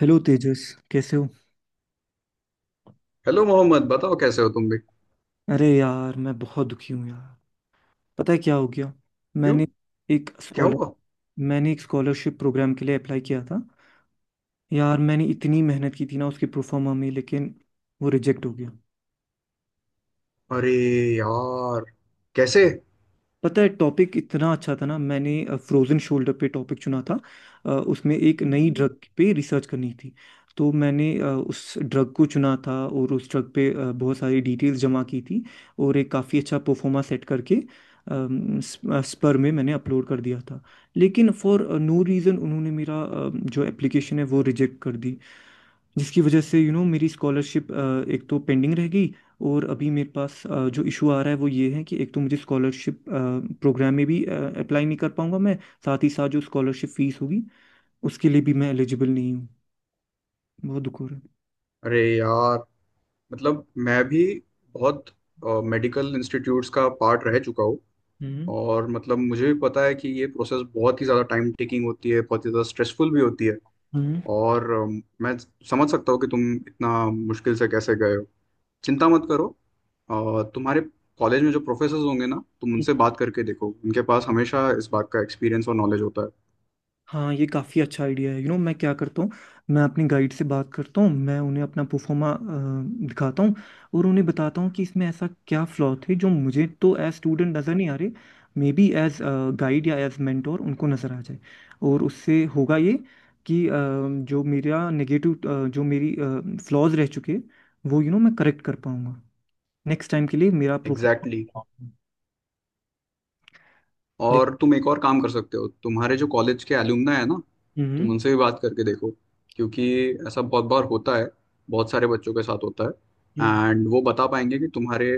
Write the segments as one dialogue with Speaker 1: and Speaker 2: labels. Speaker 1: Hello Tejas. कैसे हो?
Speaker 2: Hello Mohammad, बताओ कैसे हो तुम भी।
Speaker 1: अरे यार, मैं बहुत दुखी हूँ यार। पता है क्या हो गया?
Speaker 2: क्यों?
Speaker 1: मैंने एक
Speaker 2: क्या
Speaker 1: स्कॉलर
Speaker 2: हुआ?
Speaker 1: मैंने एक स्कॉलरशिप प्रोग्राम के लिए अप्लाई किया था। यार, मैंने इतनी मेहनत की थी ना उसके प्रोफार्मा में, लेकिन वो रिजेक्ट हो गया।
Speaker 2: अरे यार! कैसे?
Speaker 1: पता है टॉपिक इतना अच्छा था ना, मैंने फ्रोजन शोल्डर पे टॉपिक चुना था। उसमें एक नई ड्रग पे रिसर्च करनी थी। तो मैंने उस ड्रग को चुना था और उस ड्रग पे बहुत सारी डिटेल्स जमा की थी। और एक काफ़ी अच्छा परफॉर्मा सेट करके स्पर में मैंने अपलोड कर दिया था। लेकिन फॉर नो रीज़न उन्होंने मेरा जो एप्लीकेशन है वो रिजेक्ट कर दी। जिसकी वजह से यू you नो know, मेरी स्कॉलरशिप एक तो पेंडिंग रह गई। और अभी मेरे पास जो इशू आ रहा है वो ये है कि एक तो मुझे स्कॉलरशिप प्रोग्राम में भी अप्लाई नहीं कर पाऊंगा मैं। साथ ही साथ जो स्कॉलरशिप फीस होगी उसके लिए भी मैं एलिजिबल नहीं हूँ। बहुत दुख हो रहा है।
Speaker 2: अरे यार, मतलब मैं भी बहुत मेडिकल इंस्टीट्यूट्स का पार्ट रह चुका हूँ।
Speaker 1: हम्म।
Speaker 2: और मतलब मुझे भी पता है कि ये प्रोसेस बहुत ही ज़्यादा टाइम टेकिंग होती है, बहुत ही ज़्यादा स्ट्रेसफुल भी होती है। और मैं समझ सकता हूँ कि तुम इतना मुश्किल से कैसे गए हो। चिंता मत करो। तुम्हारे कॉलेज में जो प्रोफेसर होंगे ना, तुम उनसे
Speaker 1: हम्म।
Speaker 2: बात करके देखो। उनके पास हमेशा इस बात का एक्सपीरियंस और नॉलेज होता है।
Speaker 1: हाँ, ये काफ़ी अच्छा आइडिया है। यू नो, मैं क्या करता हूँ, मैं अपनी गाइड से बात करता हूँ, मैं उन्हें अपना प्रोफोमा दिखाता हूँ। और उन्हें बताता हूँ कि इसमें ऐसा क्या फ्लॉ थे जो मुझे तो एज स्टूडेंट नज़र नहीं आ रहे। मे बी एज गाइड या एज मेंटोर उनको नज़र आ जाए। और उससे होगा ये कि जो मेरा नेगेटिव जो मेरी फ्लॉज रह चुके वो मैं करेक्ट कर पाऊँगा नेक्स्ट टाइम के लिए मेरा प्रोफोमा।
Speaker 2: एग्जैक्टली। और
Speaker 1: लेकिन।
Speaker 2: तुम एक और काम कर सकते हो, तुम्हारे जो कॉलेज के एलुमना है ना, तुम
Speaker 1: हम्म।
Speaker 2: उनसे भी बात करके देखो। क्योंकि ऐसा बहुत बार होता है, बहुत सारे बच्चों के साथ होता
Speaker 1: हम्म।
Speaker 2: है। एंड वो बता पाएंगे कि तुम्हारे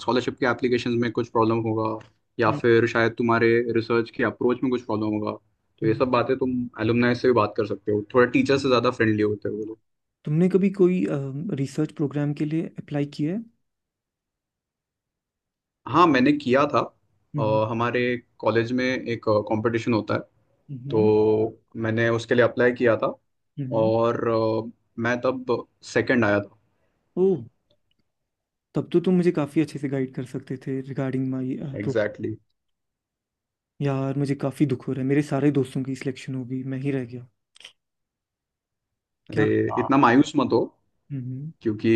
Speaker 2: स्कॉलरशिप के एप्लीकेशन में कुछ प्रॉब्लम होगा, या
Speaker 1: हम्म।
Speaker 2: फिर शायद तुम्हारे रिसर्च के अप्रोच में कुछ प्रॉब्लम होगा। तो ये
Speaker 1: हम्म।
Speaker 2: सब बातें तुम एलुमनाई से भी बात कर सकते हो, थोड़ा टीचर से ज़्यादा फ्रेंडली होते हो।
Speaker 1: तुमने कभी कोई रिसर्च प्रोग्राम के लिए अप्लाई किया है?
Speaker 2: हाँ, मैंने किया था।
Speaker 1: हम्म।
Speaker 2: हमारे कॉलेज में एक कंपटीशन होता है,
Speaker 1: हम्म।
Speaker 2: तो मैंने उसके लिए अप्लाई किया था।
Speaker 1: हम्म।
Speaker 2: और मैं तब सेकंड आया था।
Speaker 1: ओह। तब तो तुम मुझे काफ़ी अच्छे से गाइड कर सकते थे regarding my program.
Speaker 2: Exactly, exactly।
Speaker 1: यार, मुझे काफ़ी दुख हो रहा है, मेरे सारे दोस्तों की सिलेक्शन हो गई, मैं ही रह गया।
Speaker 2: अरे,
Speaker 1: क्या?
Speaker 2: इतना मायूस मत हो।
Speaker 1: हम्म।
Speaker 2: क्योंकि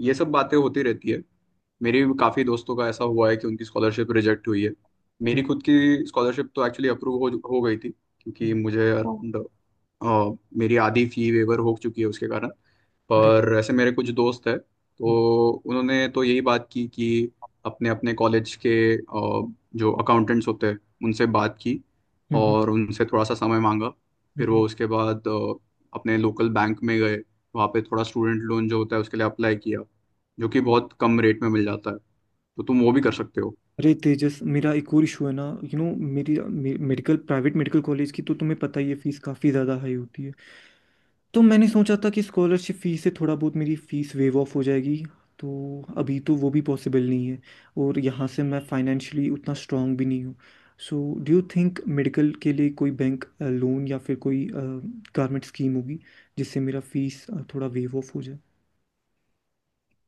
Speaker 2: ये सब बातें होती रहती है। मेरे भी काफ़ी दोस्तों का ऐसा हुआ है कि उनकी स्कॉलरशिप रिजेक्ट हुई है।
Speaker 1: हम्म।
Speaker 2: मेरी खुद की स्कॉलरशिप तो एक्चुअली अप्रूव हो गई थी, क्योंकि
Speaker 1: हम्म।
Speaker 2: मुझे अराउंड मेरी आधी फी वेवर हो चुकी है उसके कारण।
Speaker 1: अरे।
Speaker 2: पर ऐसे मेरे कुछ दोस्त हैं,
Speaker 1: हम्म।
Speaker 2: तो उन्होंने तो यही बात की कि अपने अपने कॉलेज के जो अकाउंटेंट्स होते हैं उनसे बात की
Speaker 1: हम्म।
Speaker 2: और उनसे थोड़ा सा समय मांगा। फिर
Speaker 1: हम्म।
Speaker 2: वो उसके बाद अपने लोकल बैंक में गए, वहाँ पे थोड़ा स्टूडेंट लोन जो होता है उसके लिए अप्लाई किया, जो कि बहुत कम रेट में मिल जाता है। तो तुम वो भी कर सकते हो।
Speaker 1: अरे तेजस, मेरा एक और इशू है ना। यू नो, मेरी मे, मेडिकल प्राइवेट मेडिकल कॉलेज की तो तुम्हें पता ही है, फीस काफ़ी ज़्यादा हाई होती है। तो मैंने सोचा था कि स्कॉलरशिप फीस से थोड़ा बहुत मेरी फीस वेव ऑफ हो जाएगी। तो अभी तो वो भी पॉसिबल नहीं है। और यहाँ से मैं फाइनेंशियली उतना स्ट्रांग भी नहीं हूँ। So, do you think medical के लिए कोई बैंक लोन या फिर कोई गवर्नमेंट स्कीम होगी जिससे मेरा फीस थोड़ा वेव ऑफ हो जाए?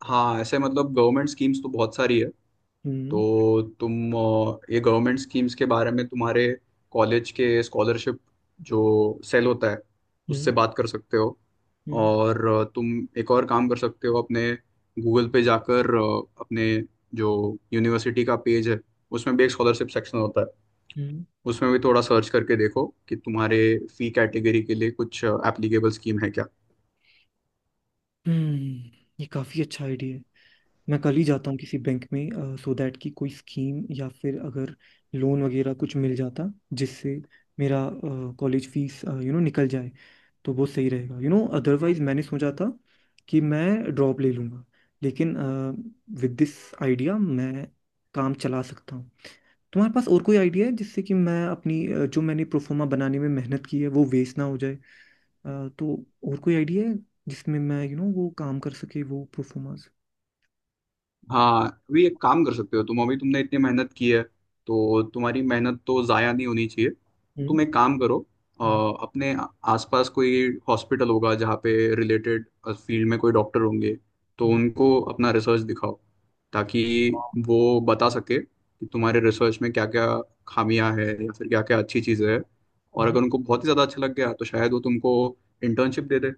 Speaker 2: हाँ, ऐसे मतलब गवर्नमेंट स्कीम्स तो बहुत सारी है।
Speaker 1: हम्म।
Speaker 2: तो तुम ये गवर्नमेंट स्कीम्स के बारे में तुम्हारे कॉलेज के स्कॉलरशिप जो सेल होता है
Speaker 1: हम्म।
Speaker 2: उससे बात कर सकते हो।
Speaker 1: हम्म।
Speaker 2: और तुम एक और काम कर सकते हो, अपने गूगल पे जाकर अपने जो यूनिवर्सिटी का पेज है उसमें भी एक स्कॉलरशिप सेक्शन होता है।
Speaker 1: हम्म।
Speaker 2: उसमें भी थोड़ा सर्च करके देखो कि तुम्हारे फी कैटेगरी के लिए कुछ एप्लीकेबल स्कीम है क्या।
Speaker 1: हम्म। ये काफ़ी अच्छा आइडिया है। मैं कल ही जाता हूँ किसी बैंक में सो दैट कि कोई स्कीम या फिर अगर लोन वगैरह कुछ मिल जाता जिससे मेरा कॉलेज फीस निकल जाए, तो वो सही रहेगा। अदरवाइज मैंने सोचा था कि मैं ड्रॉप ले लूँगा, लेकिन विद दिस आइडिया मैं काम चला सकता हूँ। तुम्हारे पास और कोई आइडिया है जिससे कि मैं अपनी जो मैंने प्रोफोमा बनाने में मेहनत की है वो वेस्ट ना हो जाए? तो और कोई आइडिया है जिसमें मैं वो काम कर सके वो प्रोफोमास?
Speaker 2: हाँ, अभी एक काम कर सकते हो तुम। अभी तुमने इतनी मेहनत की है, तो तुम्हारी मेहनत तो ज़ाया नहीं होनी चाहिए। तो
Speaker 1: हम्म।
Speaker 2: तुम एक काम करो, अ, अपने आसपास कोई हॉस्पिटल होगा जहाँ पे रिलेटेड फील्ड में कोई डॉक्टर होंगे, तो
Speaker 1: हम्म।
Speaker 2: उनको अपना रिसर्च दिखाओ। ताकि वो बता सके कि तुम्हारे रिसर्च में क्या क्या खामियां हैं या फिर क्या क्या अच्छी चीज़ें हैं। और
Speaker 1: हम्म।
Speaker 2: अगर उनको बहुत ही ज़्यादा अच्छा लग गया तो शायद वो तुमको इंटर्नशिप दे दे।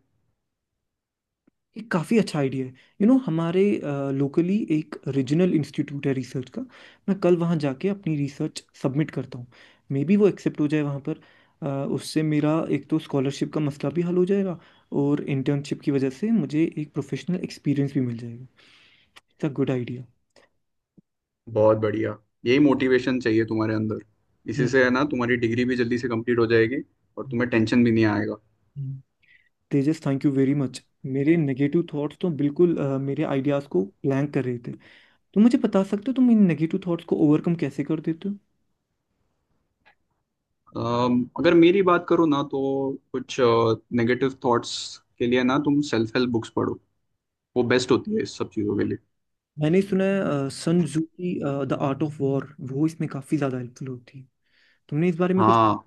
Speaker 1: ये काफ़ी अच्छा आइडिया है। हमारे लोकली एक रीजनल इंस्टीट्यूट है रिसर्च का। मैं कल वहाँ जाके अपनी रिसर्च सबमिट करता हूँ। मे बी वो एक्सेप्ट हो जाए वहाँ पर। अ, उससे मेरा एक तो स्कॉलरशिप का मसला भी हल हो जाएगा और इंटर्नशिप की वजह से मुझे एक प्रोफेशनल एक्सपीरियंस भी मिल जाएगा। It's a good idea.
Speaker 2: बहुत बढ़िया। यही मोटिवेशन चाहिए तुम्हारे अंदर। इसी
Speaker 1: हम्म।
Speaker 2: से है ना तुम्हारी डिग्री भी जल्दी से कंप्लीट हो जाएगी। और
Speaker 1: हम्म।
Speaker 2: तुम्हें टेंशन भी नहीं आएगा।
Speaker 1: हम्म। Tejas, thank you very much. मेरे नेगेटिव थॉट्स तो बिल्कुल मेरे आइडियाज़ को ब्लैंक कर रहे थे। तो मुझे बता सकते हो तुम इन नेगेटिव थॉट्स को ओवरकम कैसे कर देते हो?
Speaker 2: अगर मेरी बात करो ना, तो कुछ नेगेटिव थॉट्स के लिए ना तुम सेल्फ हेल्प बुक्स पढ़ो। वो बेस्ट होती है इस सब चीज़ों के लिए।
Speaker 1: मैंने सुना है सन जू की द आर्ट ऑफ वॉर वो इसमें काफी ज्यादा हेल्पफुल होती है। तुमने इस बारे में कुछ?
Speaker 2: हाँ,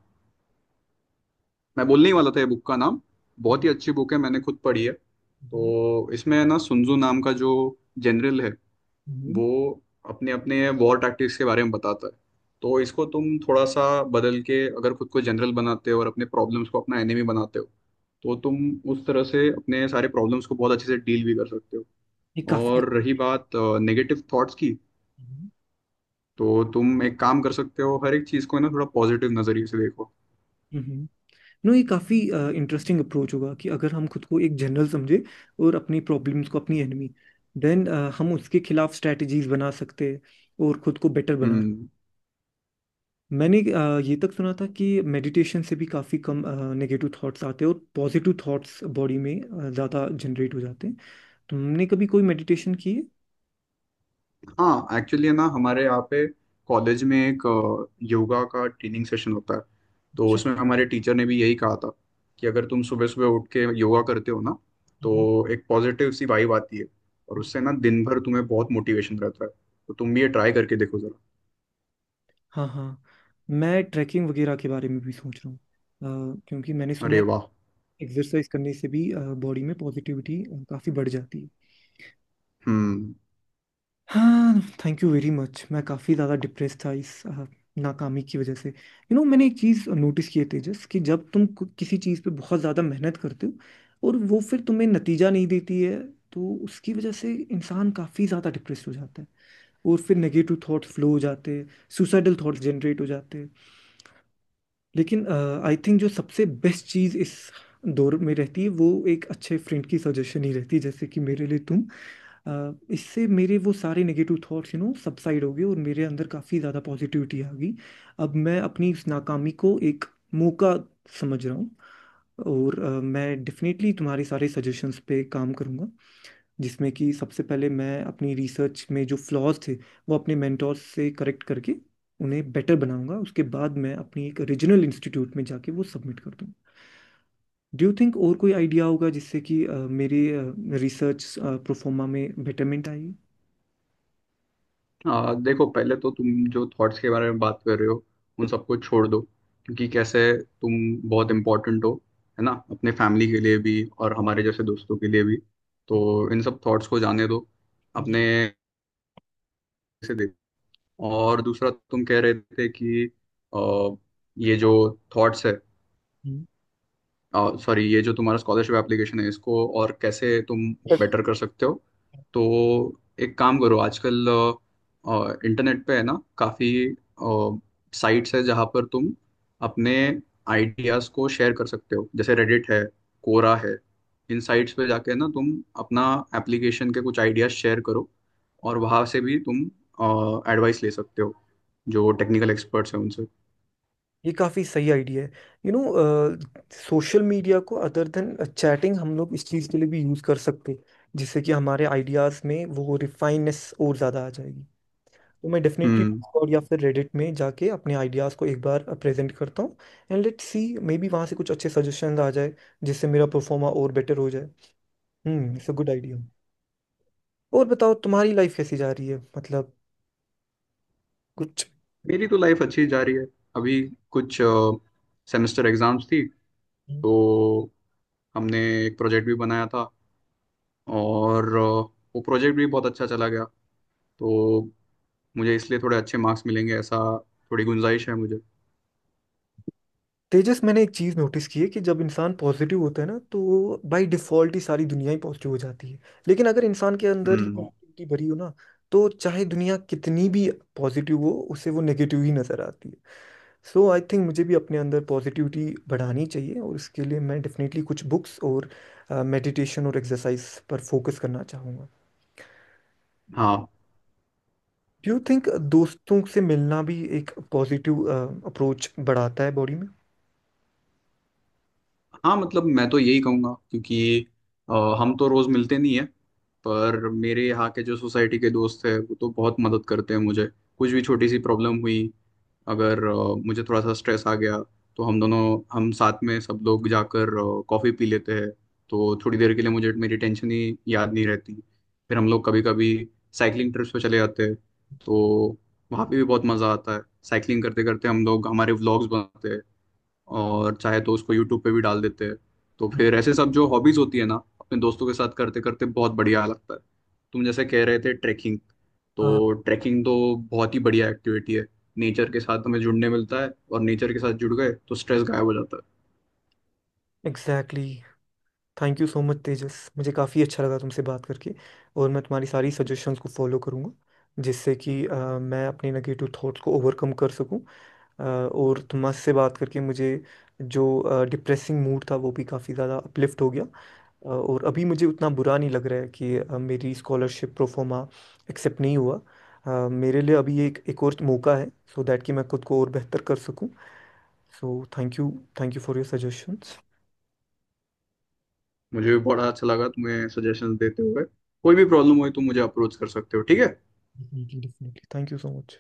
Speaker 2: मैं बोलने ही वाला था ये बुक का नाम। बहुत
Speaker 1: हम्म।
Speaker 2: ही अच्छी बुक है, मैंने खुद पढ़ी है। तो इसमें है ना सुन्जू नाम का जो जनरल है,
Speaker 1: हम्म।
Speaker 2: वो अपने अपने वॉर टैक्टिक्स के बारे में बताता है। तो इसको तुम थोड़ा सा बदल के अगर खुद को जनरल बनाते हो और अपने प्रॉब्लम्स को अपना एनिमी बनाते हो, तो तुम उस तरह से अपने सारे प्रॉब्लम्स को बहुत अच्छे से डील भी कर सकते
Speaker 1: ये
Speaker 2: हो।
Speaker 1: काफी।
Speaker 2: और रही बात नेगेटिव थॉट्स की,
Speaker 1: हम्म।
Speaker 2: तो तुम एक काम कर सकते हो, हर एक चीज़ को है ना थोड़ा पॉजिटिव नज़रिए से देखो।
Speaker 1: नो, ये काफी इंटरेस्टिंग अप्रोच होगा कि अगर हम खुद को एक जनरल समझे और अपनी प्रॉब्लम्स को अपनी एनिमी, देन हम उसके खिलाफ स्ट्रेटजीज बना सकते हैं और खुद को बेटर बना।
Speaker 2: हम्म।
Speaker 1: मैंने ये तक सुना था कि मेडिटेशन से भी काफ़ी कम नेगेटिव थॉट्स आते हैं और पॉजिटिव थॉट्स बॉडी में ज़्यादा जनरेट हो जाते हैं। तुमने कभी कोई मेडिटेशन की है?
Speaker 2: हाँ, एक्चुअली ना हमारे यहाँ पे कॉलेज में एक योगा का ट्रेनिंग सेशन होता है। तो
Speaker 1: अच्छा।
Speaker 2: उसमें हमारे टीचर ने भी यही कहा था कि अगर तुम सुबह सुबह उठ के योगा करते हो ना,
Speaker 1: हम्म।
Speaker 2: तो एक पॉजिटिव सी वाइब आती है, और उससे ना दिन भर तुम्हें बहुत मोटिवेशन रहता है। तो तुम भी ये ट्राई करके देखो जरा।
Speaker 1: हाँ, हाँ। मैं ट्रैकिंग वगैरह के बारे में भी सोच रहा हूँ क्योंकि मैंने सुना
Speaker 2: अरे
Speaker 1: है
Speaker 2: वाह!
Speaker 1: एक्सरसाइज करने से भी बॉडी में पॉजिटिविटी काफ़ी बढ़ जाती है।
Speaker 2: हम्म।
Speaker 1: हाँ, थैंक यू वेरी मच। मैं काफ़ी ज़्यादा डिप्रेस था इस नाकामी की वजह से। यू you नो know, मैंने एक चीज़ नोटिस की है तेजस कि जब तुम किसी चीज़ पे बहुत ज़्यादा मेहनत करते हो और वो फिर तुम्हें नतीजा नहीं देती है तो उसकी वजह से इंसान काफ़ी ज़्यादा डिप्रेस हो जाता है। और फिर नेगेटिव थॉट्स फ्लो हो जाते हैं, सुसाइडल थॉट्स जनरेट हो जाते हैं। लेकिन आई थिंक जो सबसे बेस्ट चीज़ इस दौर में रहती है वो एक अच्छे फ्रेंड की सजेशन ही रहती है, जैसे कि मेरे लिए तुम। इससे मेरे वो सारे नेगेटिव थॉट्स सबसाइड हो गए और मेरे अंदर काफ़ी ज़्यादा पॉजिटिविटी आ गई। अब मैं अपनी इस नाकामी को एक मौका समझ रहा हूँ। और मैं डेफिनेटली तुम्हारे सारे सजेशंस पे काम करूँगा, जिसमें कि सबसे पहले मैं अपनी रिसर्च में जो फ्लॉज थे वो अपने मेंटोर्स से करेक्ट करके उन्हें बेटर बनाऊंगा। उसके बाद मैं अपनी एक रीजनल इंस्टीट्यूट में जाके वो सबमिट कर दूँ। डू यू थिंक और कोई आइडिया होगा जिससे कि मेरे रिसर्च प्रोफोमा में बेटरमेंट?
Speaker 2: देखो, पहले तो तुम जो थॉट्स के बारे में बात कर रहे हो उन सबको छोड़ दो। क्योंकि कैसे तुम बहुत इम्पोर्टेंट हो, है ना, अपने फैमिली के लिए भी और हमारे जैसे दोस्तों के लिए भी। तो इन सब थॉट्स को जाने दो,
Speaker 1: आई।
Speaker 2: अपने से देखो। और दूसरा, तुम कह रहे थे कि आ, ये जो थॉट्स है सॉरी ये जो तुम्हारा स्कॉलरशिप एप्लीकेशन है इसको और कैसे तुम बेटर कर सकते हो। तो एक काम करो, आजकल इंटरनेट पे है ना काफ़ी साइट्स है जहाँ पर तुम अपने आइडियाज़ को शेयर कर सकते हो, जैसे रेडिट है, कोरा है। इन साइट्स पे जाके ना तुम अपना एप्लीकेशन के कुछ आइडियाज़ शेयर करो, और वहाँ से भी तुम एडवाइस ले सकते हो, जो टेक्निकल एक्सपर्ट्स हैं उनसे।
Speaker 1: ये काफ़ी सही आइडिया है। यू नो सोशल मीडिया को अदर देन चैटिंग हम लोग इस चीज़ के लिए भी यूज़ कर सकते, जिससे कि हमारे आइडियाज़ में वो रिफाइननेस और ज़्यादा आ जाएगी। तो मैं डेफिनेटली
Speaker 2: हम्म।
Speaker 1: डिस्कॉर्ड या फिर रेडिट में जाके अपने आइडियाज़ को एक बार प्रेजेंट करता हूँ। And let's see, maybe वहाँ से कुछ अच्छे सजेशन आ जाए जिससे मेरा परफॉर्मा और बेटर हो जाए। Hmm, it's a good idea. और बताओ, तुम्हारी लाइफ कैसी जा रही है? मतलब कुछ?
Speaker 2: मेरी तो लाइफ अच्छी जा रही है। अभी कुछ सेमेस्टर एग्जाम्स थी, तो हमने एक प्रोजेक्ट भी बनाया था। और वो प्रोजेक्ट भी बहुत अच्छा चला गया। तो मुझे इसलिए थोड़े अच्छे मार्क्स मिलेंगे ऐसा थोड़ी गुंजाइश है मुझे।
Speaker 1: तेजस, मैंने एक चीज नोटिस की है कि जब इंसान पॉजिटिव होता है ना तो बाय डिफॉल्ट ही सारी दुनिया ही पॉजिटिव हो जाती है। लेकिन अगर इंसान के अंदर ही
Speaker 2: हम्म।
Speaker 1: नेगेटिविटी भरी हो ना, तो चाहे दुनिया कितनी भी पॉजिटिव हो उसे वो नेगेटिव ही नजर आती है। सो आई थिंक मुझे भी अपने अंदर पॉजिटिविटी बढ़ानी चाहिए और इसके लिए मैं डेफिनेटली कुछ बुक्स और मेडिटेशन और एक्सरसाइज पर फोकस करना चाहूँगा।
Speaker 2: हाँ
Speaker 1: डू यू थिंक दोस्तों से मिलना भी एक पॉजिटिव अप्रोच बढ़ाता है बॉडी में?
Speaker 2: हाँ, मतलब मैं तो यही कहूँगा। क्योंकि अ, हम तो रोज़ मिलते नहीं है, पर मेरे यहाँ के जो सोसाइटी के दोस्त हैं वो तो बहुत मदद करते हैं मुझे। कुछ भी छोटी सी प्रॉब्लम हुई, अगर मुझे थोड़ा सा स्ट्रेस आ गया, तो हम साथ में सब लोग जाकर कॉफ़ी पी लेते हैं। तो थोड़ी देर के लिए मुझे मेरी टेंशन ही याद नहीं रहती। फिर हम लोग कभी कभी साइकिलिंग ट्रिप्स पे चले जाते हैं, तो वहाँ पे भी बहुत मज़ा आता है। साइकिलिंग करते करते हम लोग हमारे व्लॉग्स बनाते हैं और चाहे तो उसको यूट्यूब पे भी डाल देते हैं। तो
Speaker 1: हम्म।
Speaker 2: फिर ऐसे सब जो हॉबीज होती है ना, अपने दोस्तों के साथ करते करते बहुत बढ़िया लगता है। तुम जैसे कह रहे थे ट्रैकिंग,
Speaker 1: हाँ,
Speaker 2: तो ट्रैकिंग तो बहुत ही बढ़िया एक्टिविटी है। नेचर के साथ हमें जुड़ने मिलता है, और नेचर के साथ जुड़ गए तो स्ट्रेस गायब हो जाता है।
Speaker 1: Exactly. Thank you so much Tejas, मुझे काफ़ी अच्छा लगा तुमसे बात करके, और मैं तुम्हारी सारी सजेशंस को फॉलो करूँगा जिससे कि मैं अपने नेगेटिव थॉट्स को ओवरकम कर सकूँ। और तुमसे बात करके मुझे जो डिप्रेसिंग मूड था वो भी काफ़ी ज़्यादा अपलिफ्ट हो गया। और अभी मुझे उतना बुरा नहीं लग रहा है कि मेरी स्कॉलरशिप प्रोफोमा एक्सेप्ट नहीं हुआ। मेरे लिए अभी ये एक एक और मौका है, सो दैट कि मैं खुद को और बेहतर कर सकूँ। So, thank you. Thank you for your suggestions.
Speaker 2: मुझे भी बड़ा अच्छा लगा तुम्हें सजेशन देते हुए। कोई भी प्रॉब्लम हुई तो मुझे अप्रोच कर सकते हो, ठीक है।
Speaker 1: Definitely, thank you so much.